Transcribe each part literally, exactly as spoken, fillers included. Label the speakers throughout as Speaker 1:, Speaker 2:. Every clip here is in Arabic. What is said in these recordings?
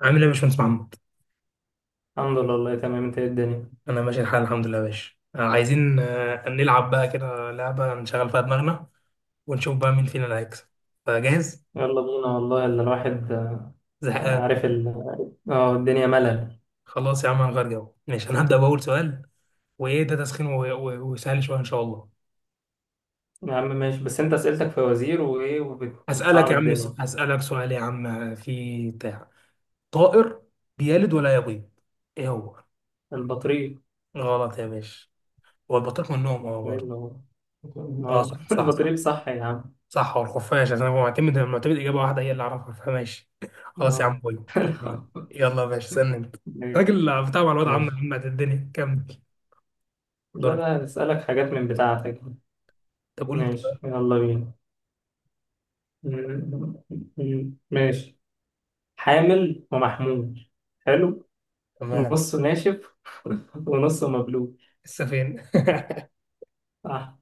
Speaker 1: عامل ايه يا باشمهندس محمد؟
Speaker 2: الحمد لله، والله تمام. انت، ايه الدنيا؟
Speaker 1: انا ماشي الحال، الحمد لله يا باشا. آه، عايزين آه، نلعب بقى كده لعبة نشغل فيها دماغنا، ونشوف بقى مين فينا اللي هيكسب. فجاهز؟
Speaker 2: يلا بينا، والله اللي الواحد آه،
Speaker 1: زهقان.
Speaker 2: عارف ال... اه الدنيا ملل.
Speaker 1: خلاص يا عم، هنغير جو. ماشي، انا هبدأ بأول سؤال. وايه ده، تسخين و- و- وسهل شوية ان شاء الله.
Speaker 2: يا عم ماشي، بس انت اسئلتك في وزير وايه
Speaker 1: هسألك
Speaker 2: وبتصعب
Speaker 1: يا عم، س-
Speaker 2: الدنيا.
Speaker 1: هسألك سؤال يا عم في بتاع طائر، بيلد ولا يبيض. ايه هو؟
Speaker 2: البطريق.
Speaker 1: غلط يا باشا. هو البطيخ من النوم، اه
Speaker 2: ايه
Speaker 1: برضه.
Speaker 2: اللي هو؟ ما
Speaker 1: اه،
Speaker 2: هو
Speaker 1: صح صح صح.
Speaker 2: البطريق صح يا عم.
Speaker 1: صح، هو الخفاش، عشان هو معتمد معتمد اجابه واحده هي اللي اعرفها، فماشي. خلاص يا عم،
Speaker 2: اه
Speaker 1: بوي. تمام. يلا يا باشا، استنى انت.
Speaker 2: ماشي
Speaker 1: راجل بتاع معلومات عامه
Speaker 2: ماشي.
Speaker 1: عامه الدنيا كمل.
Speaker 2: لا
Speaker 1: دورك.
Speaker 2: لا، هسألك حاجات من بتاعتك.
Speaker 1: طب قول لي انت بقى.
Speaker 2: ماشي، يلا بينا. م- م- ماشي. حامل ومحمول. حلو.
Speaker 1: تمام.
Speaker 2: نصه ناشف ونصه مبلول.
Speaker 1: لسه فين؟
Speaker 2: صح.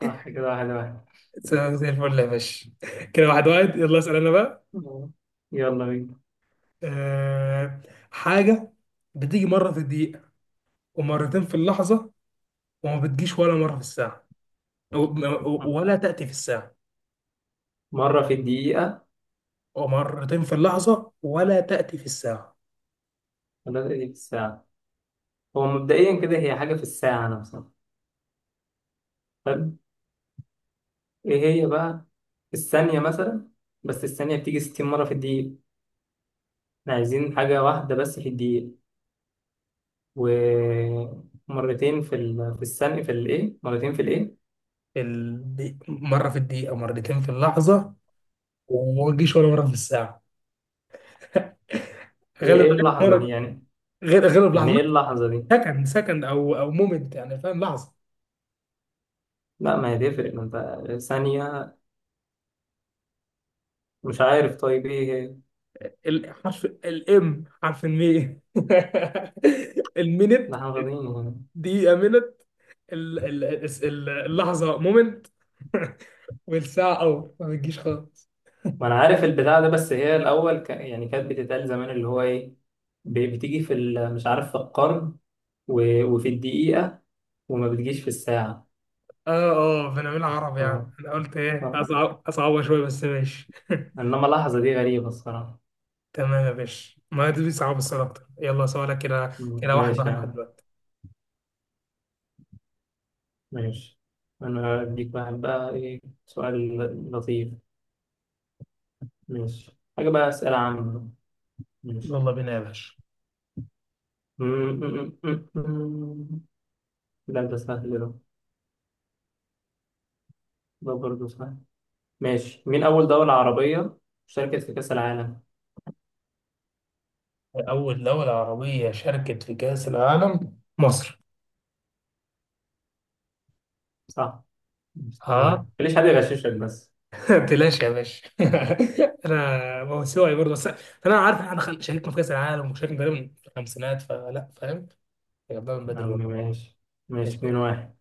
Speaker 2: صح، كده واحد واحد.
Speaker 1: لسه زي الفل يا باشا. كده واحد واحد. يلا اسال انا بقى.
Speaker 2: آه. يلا بينا.
Speaker 1: أه... حاجه بتيجي مره في الدقيقه، ومرتين في اللحظه، وما بتجيش ولا مره في الساعه، و- و- ولا تاتي في الساعه.
Speaker 2: مرة في الدقيقة.
Speaker 1: ومرتين في اللحظه، ولا تاتي في الساعه.
Speaker 2: ولا دي في الساعة. هو مبدئيا كده هي حاجة في الساعة نفسها. طب، ايه هي بقى؟ الثانية مثلا. بس الثانية بتيجي ستين مرة في الدقيقة. احنا عايزين حاجة واحدة بس في الدقيقة. ومرتين في ال... في الثانية، في الايه؟ مرتين في الايه؟
Speaker 1: الدي... مرة في الدقيقة، مرتين في اللحظة، وما تجيش ولا مرة في الساعة.
Speaker 2: هي
Speaker 1: غالبا
Speaker 2: ايه
Speaker 1: غالب
Speaker 2: اللحظة دي،
Speaker 1: مرة،
Speaker 2: يعني؟
Speaker 1: غير غالب
Speaker 2: يعني
Speaker 1: لحظة.
Speaker 2: ايه اللحظة دي؟
Speaker 1: سكند سكند أو أو مومنت يعني، فاهم؟ لحظة.
Speaker 2: لا ما هي تفرق، ما انت ثانية. مش عارف، طيب ايه هي؟
Speaker 1: الحرف الإم، حرف المي. المينت.
Speaker 2: لا، احنا غاضبين.
Speaker 1: دقيقة مينت. ال- ال- الس- ال- اللحظة مومنت. والساعة أور، ما بتجيش خالص.
Speaker 2: ما انا عارف البتاع ده، بس هي الاول ك... يعني كانت بتتقال زمان، اللي هو ايه. ب- بتيجي في ال... مش عارف، في القرن. و... وفي الدقيقة. وما بتجيش في الساعة.
Speaker 1: اه، اه، بنعملها عربي
Speaker 2: اه،
Speaker 1: يعني. أنا قلت إيه؟
Speaker 2: اه.
Speaker 1: أصعب أصعبها شوية بس، ماشي.
Speaker 2: انما لحظة دي غريبة الصراحة.
Speaker 1: تمام يا باشا، ما دي صعب السؤال اكتر. يلا سؤالك. كده
Speaker 2: مم.
Speaker 1: كده، واحد
Speaker 2: ماشي يا
Speaker 1: واحد لحد
Speaker 2: عم.
Speaker 1: دلوقتي.
Speaker 2: ماشي. انا اديك واحد بقى، ايه، سؤال لطيف. ماشي، حاجة بقى، اسئلة عامة. ماشي.
Speaker 1: يلا بينا يا باشا.
Speaker 2: مم، مم، مم، مم. لا ده سهل ده. ده برضه سهل. ماشي. مين أول دولة عربية شاركت في كأس العالم؟
Speaker 1: أول دولة عربية شاركت في كأس العالم، مصر.
Speaker 2: صح. مش اتنين
Speaker 1: ها.
Speaker 2: واحد ليش حد يغششك بس.
Speaker 1: بلاش يا باشا. انا، ما هو سواي برضه. بس انا عارف إن احنا خل- شاركنا في كاس العالم، وشاركنا تقريبا في الخمسينات، فلا فاهم. جبناها من
Speaker 2: يا
Speaker 1: بدري
Speaker 2: عم
Speaker 1: والله.
Speaker 2: ماشي. ماشي
Speaker 1: ماشي.
Speaker 2: اتنين واحد.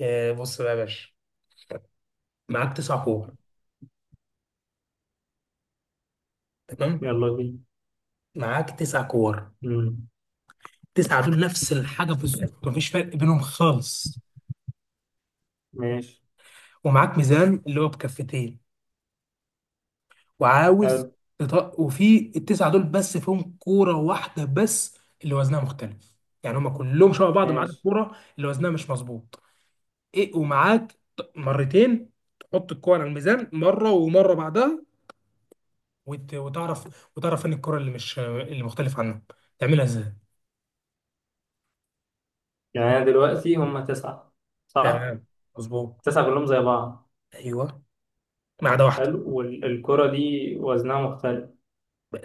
Speaker 1: آه، بص بقى يا باشا. معاك تسع كور، تمام.
Speaker 2: يلا بينا.
Speaker 1: معاك تسع كور.
Speaker 2: مم.
Speaker 1: تسعة دول نفس الحاجة بالظبط، مفيش فرق بينهم خالص.
Speaker 2: ماشي.
Speaker 1: ومعاك ميزان اللي هو بكفتين، وعاوز
Speaker 2: حلو.
Speaker 1: تط... وفي التسعه دول بس فيهم كوره واحده بس اللي وزنها مختلف. يعني هما كلهم شبه بعض ما عدا
Speaker 2: ماشي.
Speaker 1: الكوره اللي وزنها مش مظبوط. ايه، ومعاك ط- مرتين تحط الكوره على الميزان، مره ومره بعدها، وت... وتعرف وتعرف فين الكوره اللي مش اللي مختلف عنها. تعملها ازاي؟
Speaker 2: يعني أنا دلوقتي هما تسعة، صح؟
Speaker 1: تمام، مظبوط.
Speaker 2: تسعة كلهم زي بعض.
Speaker 1: ايوه، ما عدا واحده.
Speaker 2: حلو، والكرة دي وزنها مختلف.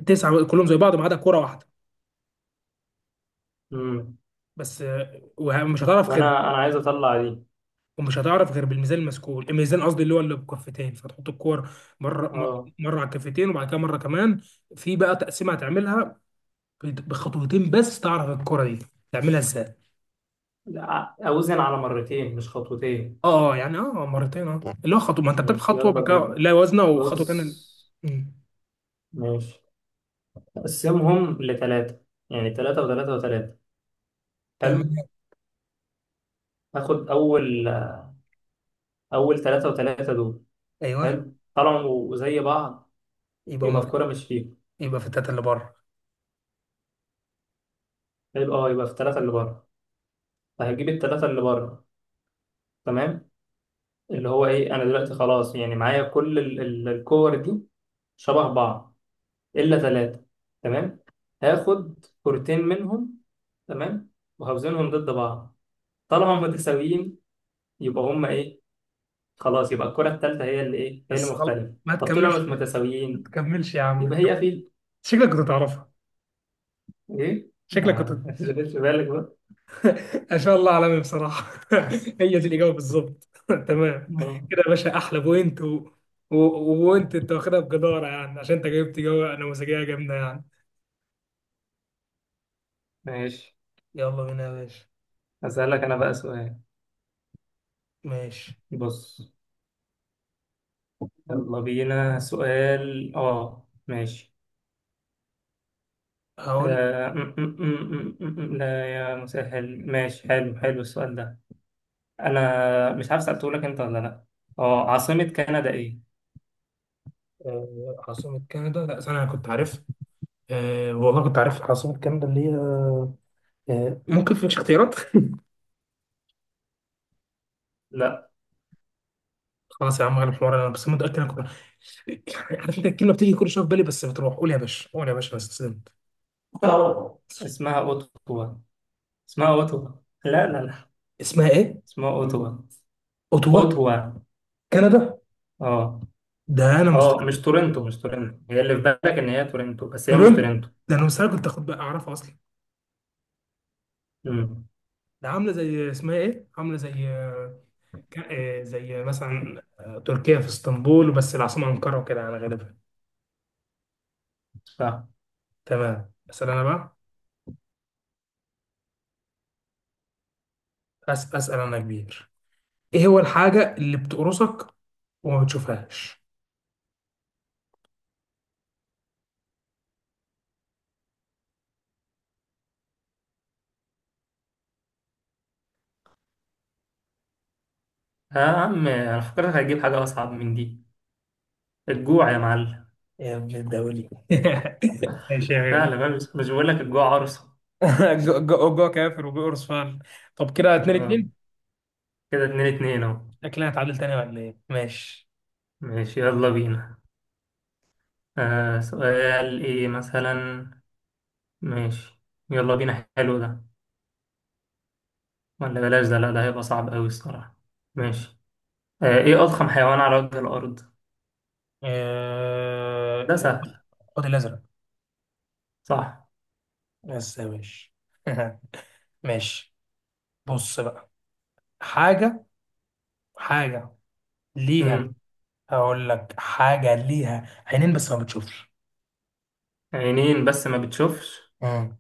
Speaker 1: تسعه كلهم زي بعض ما عدا كوره واحده.
Speaker 2: مم.
Speaker 1: بس آه، ومش هتعرف غير
Speaker 2: وأنا أنا عايز أطلع دي.
Speaker 1: ومش هتعرف غير بالميزان المسكول، الميزان قصدي اللي هو اللي بكفتين، فتحط الكور مره م-
Speaker 2: أه،
Speaker 1: مره على الكفتين، وبعد كده مره كمان. في بقى تقسيمه هتعملها، بت- بخطوتين بس تعرف الكره دي. تعملها ازاي؟
Speaker 2: لا، أوزن على مرتين مش خطوتين.
Speaker 1: اه، آه، يعني اه، آه، مرتين اه، اللي هو خطوه. ما انت بتاخد
Speaker 2: ماشي،
Speaker 1: خطوه
Speaker 2: يلا
Speaker 1: بعد كده،
Speaker 2: بينا.
Speaker 1: لا وزنه وخطوه تانيه.
Speaker 2: بص.
Speaker 1: أمم،
Speaker 2: ماشي. أقسمهم لتلاتة، يعني تلاتة وتلاتة وتلاتة. حلو.
Speaker 1: تعملها.
Speaker 2: هاخد أول أول تلاتة وتلاتة دول.
Speaker 1: ايوه،
Speaker 2: حلو، طالما زي بعض
Speaker 1: يبقى هما
Speaker 2: يبقى
Speaker 1: في
Speaker 2: الكرة مش فيهم.
Speaker 1: يبقى في التلاته اللي بره.
Speaker 2: حلو، اه، يبقى في الثلاثة اللي بره. فهجيب الثلاثة اللي بره. تمام. اللي هو ايه، انا دلوقتي خلاص يعني معايا كل ال- ال- الكور دي شبه بعض الا ثلاثة. تمام. هاخد كورتين منهم. تمام. وهوزنهم ضد بعض. طالما هم متساويين يبقى هم ايه، خلاص يبقى الكرة الثالثة هي اللي ايه، هي اللي
Speaker 1: بس غلط،
Speaker 2: مختلفة.
Speaker 1: ما
Speaker 2: طب طول ما مش
Speaker 1: تكملش. ما
Speaker 2: متساويين
Speaker 1: تكملش يا عم،
Speaker 2: يبقى
Speaker 1: ما تكملش.
Speaker 2: هي في
Speaker 1: شكلك كنت تعرفها.
Speaker 2: ايه.
Speaker 1: شكلك كنت.
Speaker 2: آه، ما تشغلش بالك بقى.
Speaker 1: ما شاء الله، عالمي بصراحة. هي دي الإجابة بالظبط. تمام.
Speaker 2: آه،
Speaker 1: كده يا باشا أحلى بوينت، و... و... وانت انت واخدها بجدارة يعني، عشان انت جايبت إجابة نموذجية جامدة يعني.
Speaker 2: ماشي.
Speaker 1: يلا بينا يا باشا.
Speaker 2: أسألك أنا بقى سؤال.
Speaker 1: ماشي،
Speaker 2: بص. يلا بينا سؤال آه ماشي.
Speaker 1: هقول.
Speaker 2: آه م -م -م -م -م. لا يا مسهل، ماشي، حلو حلو السؤال ده. أنا مش عارف سألته لك أنت ولا لأ. آه عاصمة كندا إيه؟
Speaker 1: آه، عاصمة كندا، لا ثانية، أنا كنت عارف. أه والله كنت عارف عاصمة كندا اللي هي أه آه، ممكن فيش اختيارات؟
Speaker 2: لأ.
Speaker 1: خلاص يا عم غير الحوار، انا بس متأكد انا كنت يعني عارف، انت الكلمة بتيجي كل شوية في بالي بس بتروح. قول يا باشا، قول يا باشا، انا استسلمت. آه.
Speaker 2: اسمها أوتوا. اسمها أوتوا. لا لا لا.
Speaker 1: اسمها ايه؟
Speaker 2: اسمها أوتوا.
Speaker 1: اوتوا.
Speaker 2: أوتوا.
Speaker 1: كندا.
Speaker 2: آه.
Speaker 1: ده انا
Speaker 2: آه، مش
Speaker 1: مستحيل.
Speaker 2: تورنتو، مش تورنتو هي اللي في بالك إن هي تورنتو بس هي مش
Speaker 1: تورنتو.
Speaker 2: تورنتو.
Speaker 1: ده انا مستحيل كنت اخد بقى، اعرفها اصلا.
Speaker 2: امم.
Speaker 1: ده عامله زي اسمها ايه، عامله زي آه، ك- آه، زي مثلا آه، تركيا، في اسطنبول بس العاصمه انقره، وكده يعني غالبا.
Speaker 2: صح
Speaker 1: تمام، اسال انا بقى. أس- اسال انا يا كبير. ايه هو الحاجه اللي بتقرصك وما بتشوفهاش؟
Speaker 2: يا عم. أنا فكرتك هتجيب حاجة أصعب من دي. الجوع يا معلم.
Speaker 1: يا ابن الدولي. ماشي يا
Speaker 2: فعلا
Speaker 1: غالي.
Speaker 2: بقى، بس مش بقول لك الجوع عرصة.
Speaker 1: جو جو جو كافر وبيقرص فعلا. طب كده، اتنين
Speaker 2: آه.
Speaker 1: اتنين.
Speaker 2: كده اتنين اتنين اهو.
Speaker 1: شكلها هتعادل تاني ولا ايه ماشي
Speaker 2: ماشي، يلا بينا. آه سؤال، ايه مثلا؟ ماشي، يلا بينا، حلو ده. ولا بلاش ده، لا ده هيبقى صعب قوي الصراحة. ماشي. آه ايه أضخم حيوان على وجه الأرض؟ ده
Speaker 1: آه،
Speaker 2: سهل.
Speaker 1: خد الازرق.
Speaker 2: صح.
Speaker 1: بس يا باشا. ماشي، بص بقى. حاجة حاجة ليها
Speaker 2: مم.
Speaker 1: هقول لك حاجة ليها عينين بس ما بتشوفش.
Speaker 2: عينين بس ما بتشوفش.
Speaker 1: مم.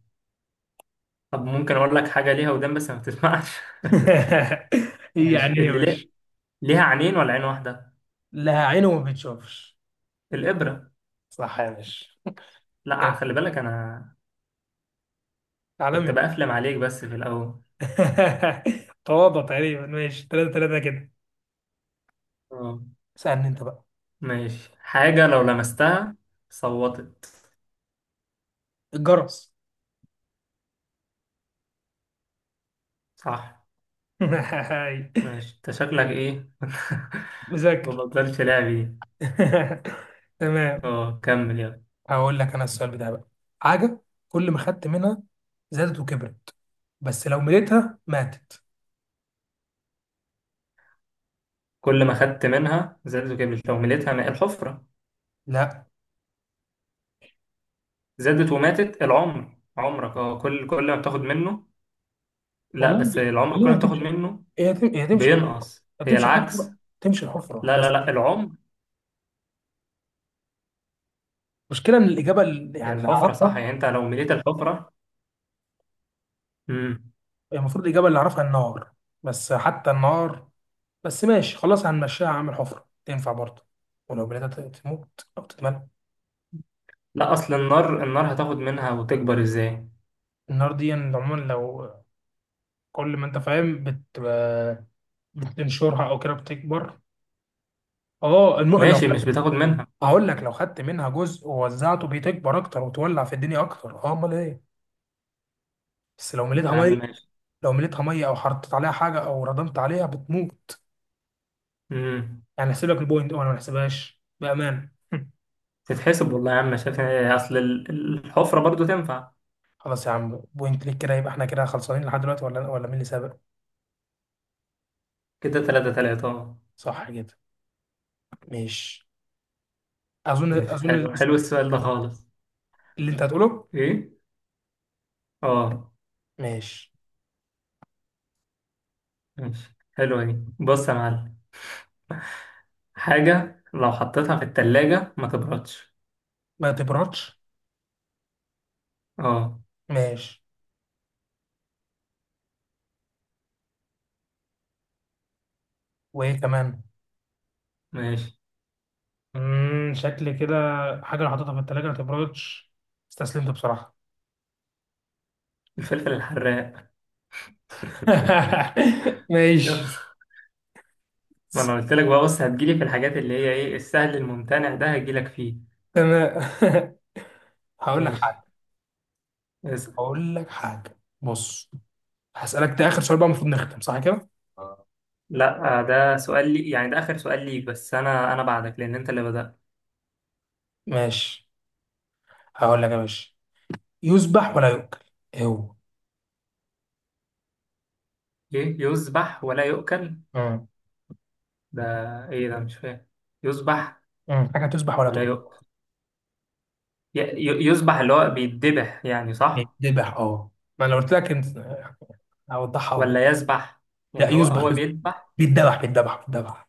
Speaker 2: طب ممكن أقول لك حاجة ليها ودان بس ما بتسمعش؟
Speaker 1: يعني
Speaker 2: ماشي،
Speaker 1: ايه يا
Speaker 2: اللي ليه.
Speaker 1: باشا؟
Speaker 2: ليها عينين ولا عين واحدة؟
Speaker 1: لها عين وما بتشوفش.
Speaker 2: الإبرة.
Speaker 1: صح يا باشا.
Speaker 2: لا، خلي بالك، أنا كنت
Speaker 1: عالمي.
Speaker 2: بقفلم عليك بس في الأول.
Speaker 1: تواضع تقريبا. ماشي، ثلاثة ثلاثة كده.
Speaker 2: آه.
Speaker 1: اسألني انت بقى.
Speaker 2: ماشي. حاجة لو لمستها صوتت.
Speaker 1: الجرس.
Speaker 2: صح. ماشي، انت شكلك ايه؟ ما
Speaker 1: مذاكر.
Speaker 2: بطلش لعب دي.
Speaker 1: تمام.
Speaker 2: اه، كمل يلا.
Speaker 1: هقول لك انا السؤال بتاعي بقى. حاجه، كل ما خدت منها زادت وكبرت، بس لو مليتها ماتت.
Speaker 2: كل ما خدت منها زادت وكبرت، لو مليتها ماء، الحفرة؟
Speaker 1: لا.
Speaker 2: زادت وماتت، العمر عمرك، اه، كل كل ما بتاخد منه. لا
Speaker 1: والله،
Speaker 2: بس العمر كل
Speaker 1: والله
Speaker 2: ما بتاخد
Speaker 1: هتمشي.
Speaker 2: منه
Speaker 1: هي هتم- هي هتمشي الحفرة.
Speaker 2: بينقص، هي
Speaker 1: هتمشي
Speaker 2: العكس.
Speaker 1: الحفره، تمشي الحفره
Speaker 2: لا
Speaker 1: بس.
Speaker 2: لا لا، العمر.
Speaker 1: المشكله ان الاجابه اللي-
Speaker 2: هي
Speaker 1: يعني اللي
Speaker 2: الحفرة صح،
Speaker 1: اعرفها،
Speaker 2: يعني انت لو مليت الحفرة. امم.
Speaker 1: هي المفروض الاجابه اللي اعرفها النار. بس حتى النار، بس ماشي خلاص هنمشيها. هعمل حفره تنفع برضه، ولو مليتها ت- تموت او تتملى.
Speaker 2: لا، اصل النار، النار هتاخد منها وتكبر ازاي؟
Speaker 1: النار دي عموما لو كل ما انت فاهم، بت بتنشرها او كده بتكبر. اه، الم... لو
Speaker 2: ماشي، مش
Speaker 1: خدت.
Speaker 2: بتاخد منها.
Speaker 1: هقول لك، لو خدت منها جزء ووزعته بتكبر اكتر وتولع في الدنيا اكتر. اه، امال ايه؟ بس لو
Speaker 2: يا
Speaker 1: مليتها
Speaker 2: عم
Speaker 1: ميه،
Speaker 2: ماشي.
Speaker 1: لو مليتها ميه او حطيت عليها حاجه او ردمت عليها، بتموت.
Speaker 2: امم.
Speaker 1: يعني احسب لك البوينت، وانا ما احسبهاش بامان.
Speaker 2: تتحسب والله يا عم، شايف إيه، اصل ال- الحفرة برضو تنفع.
Speaker 1: خلاص يا عم، بوينت ليك، كده يبقى احنا كده خلصانين لحد دلوقتي، ولا ولا مين اللي سابق؟
Speaker 2: كده تلاتة تلاتة اه.
Speaker 1: صح كده. ماشي، اظن
Speaker 2: ماشي.
Speaker 1: اظن
Speaker 2: حلو حلو السؤال ده خالص.
Speaker 1: اللي انت هتقوله.
Speaker 2: ايه. اه.
Speaker 1: ماشي.
Speaker 2: ماشي، حلوة دي، بص يا معلم. حاجة لو حطيتها في التلاجة ما تبردش.
Speaker 1: ما تبردش.
Speaker 2: اه.
Speaker 1: ماشي، وايه كمان؟
Speaker 2: ماشي.
Speaker 1: امم شكل كده. حاجه اللي حاططها في التلاجة ما تبردش. استسلمت بصراحه.
Speaker 2: الفلفل الحراق.
Speaker 1: ماشي،
Speaker 2: يلا. ما انا قلت لك بقى، بص، هتجيلي في الحاجات اللي هي ايه، السهل الممتنع ده هتجيلك فيه.
Speaker 1: تمام. هقول لك
Speaker 2: ماشي.
Speaker 1: حاجة
Speaker 2: اسأل.
Speaker 1: هقول لك حاجة، بص. هسألك، ده آخر سؤال بقى المفروض نختم، صح كده؟
Speaker 2: لا، آه، ده سؤال لي، يعني ده اخر سؤال ليك بس انا انا بعدك لان انت اللي بدأت.
Speaker 1: ماشي، هقول لك يا باشا. يذبح ولا يؤكل، ايه هو؟
Speaker 2: ايه، يذبح ولا يؤكل؟
Speaker 1: مم.
Speaker 2: ده ايه ده، مش فاهم. يذبح
Speaker 1: مم. حاجة تذبح ولا
Speaker 2: ولا
Speaker 1: تؤكل.
Speaker 2: يؤكل. ي- ي- يذبح اللي هو بيتذبح يعني صح.
Speaker 1: بيتذبح اه. ما أنا لو قلت لك انت، هوضحها أوي.
Speaker 2: ولا يذبح.
Speaker 1: لا،
Speaker 2: يعني هو
Speaker 1: يذبح
Speaker 2: هو
Speaker 1: يذبح،
Speaker 2: بيذبح.
Speaker 1: بيتذبح بيتذبح بيتذبح،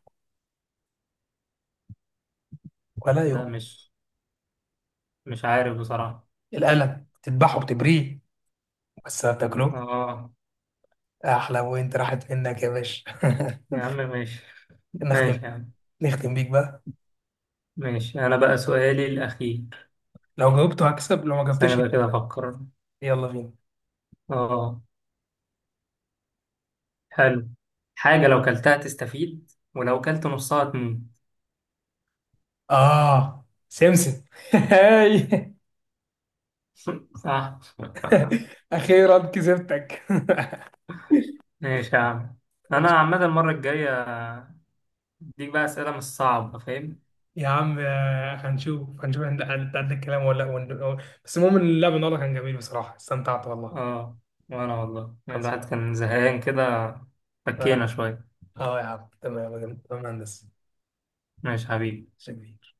Speaker 1: ولا
Speaker 2: لا،
Speaker 1: يؤكل.
Speaker 2: مش، مش عارف بصراحة.
Speaker 1: القلم، بتذبحه بتبريه، بس ما بتاكله.
Speaker 2: اه،
Speaker 1: أحلى، وأنت راحت منك يا باشا.
Speaker 2: يا عم ماشي
Speaker 1: نختم،
Speaker 2: ماشي يا عم.
Speaker 1: نختم بيك بقى.
Speaker 2: ماشي، انا بقى سؤالي الاخير.
Speaker 1: لو جاوبته هكسب، لو ما
Speaker 2: استنى
Speaker 1: جاوبتش.
Speaker 2: بقى كده افكر.
Speaker 1: يلا بينا.
Speaker 2: اه. حلو. حاجة لو كلتها تستفيد، ولو كلت نصها تموت.
Speaker 1: اه، سمسم. هاي!
Speaker 2: صح
Speaker 1: اخيرا كسبتك.
Speaker 2: ماشي يا عم. انا عامة المرة الجاية اديك بقى اسئلة مش صعبة فاهم.
Speaker 1: يا عم آه، هنشوف هنشوف انت أنت قد الكلام ولا ون- بس المهم ان اللعب النهارده كان جميل بصراحه، استمتعت والله.
Speaker 2: اه. وانا والله يعني
Speaker 1: خلصان.
Speaker 2: الواحد كان زهقان كده، فكينا
Speaker 1: اه،
Speaker 2: شوية.
Speaker 1: آه يا عم، تمام تمام يا مهندس.
Speaker 2: ماشي حبيبي.
Speaker 1: شكرا.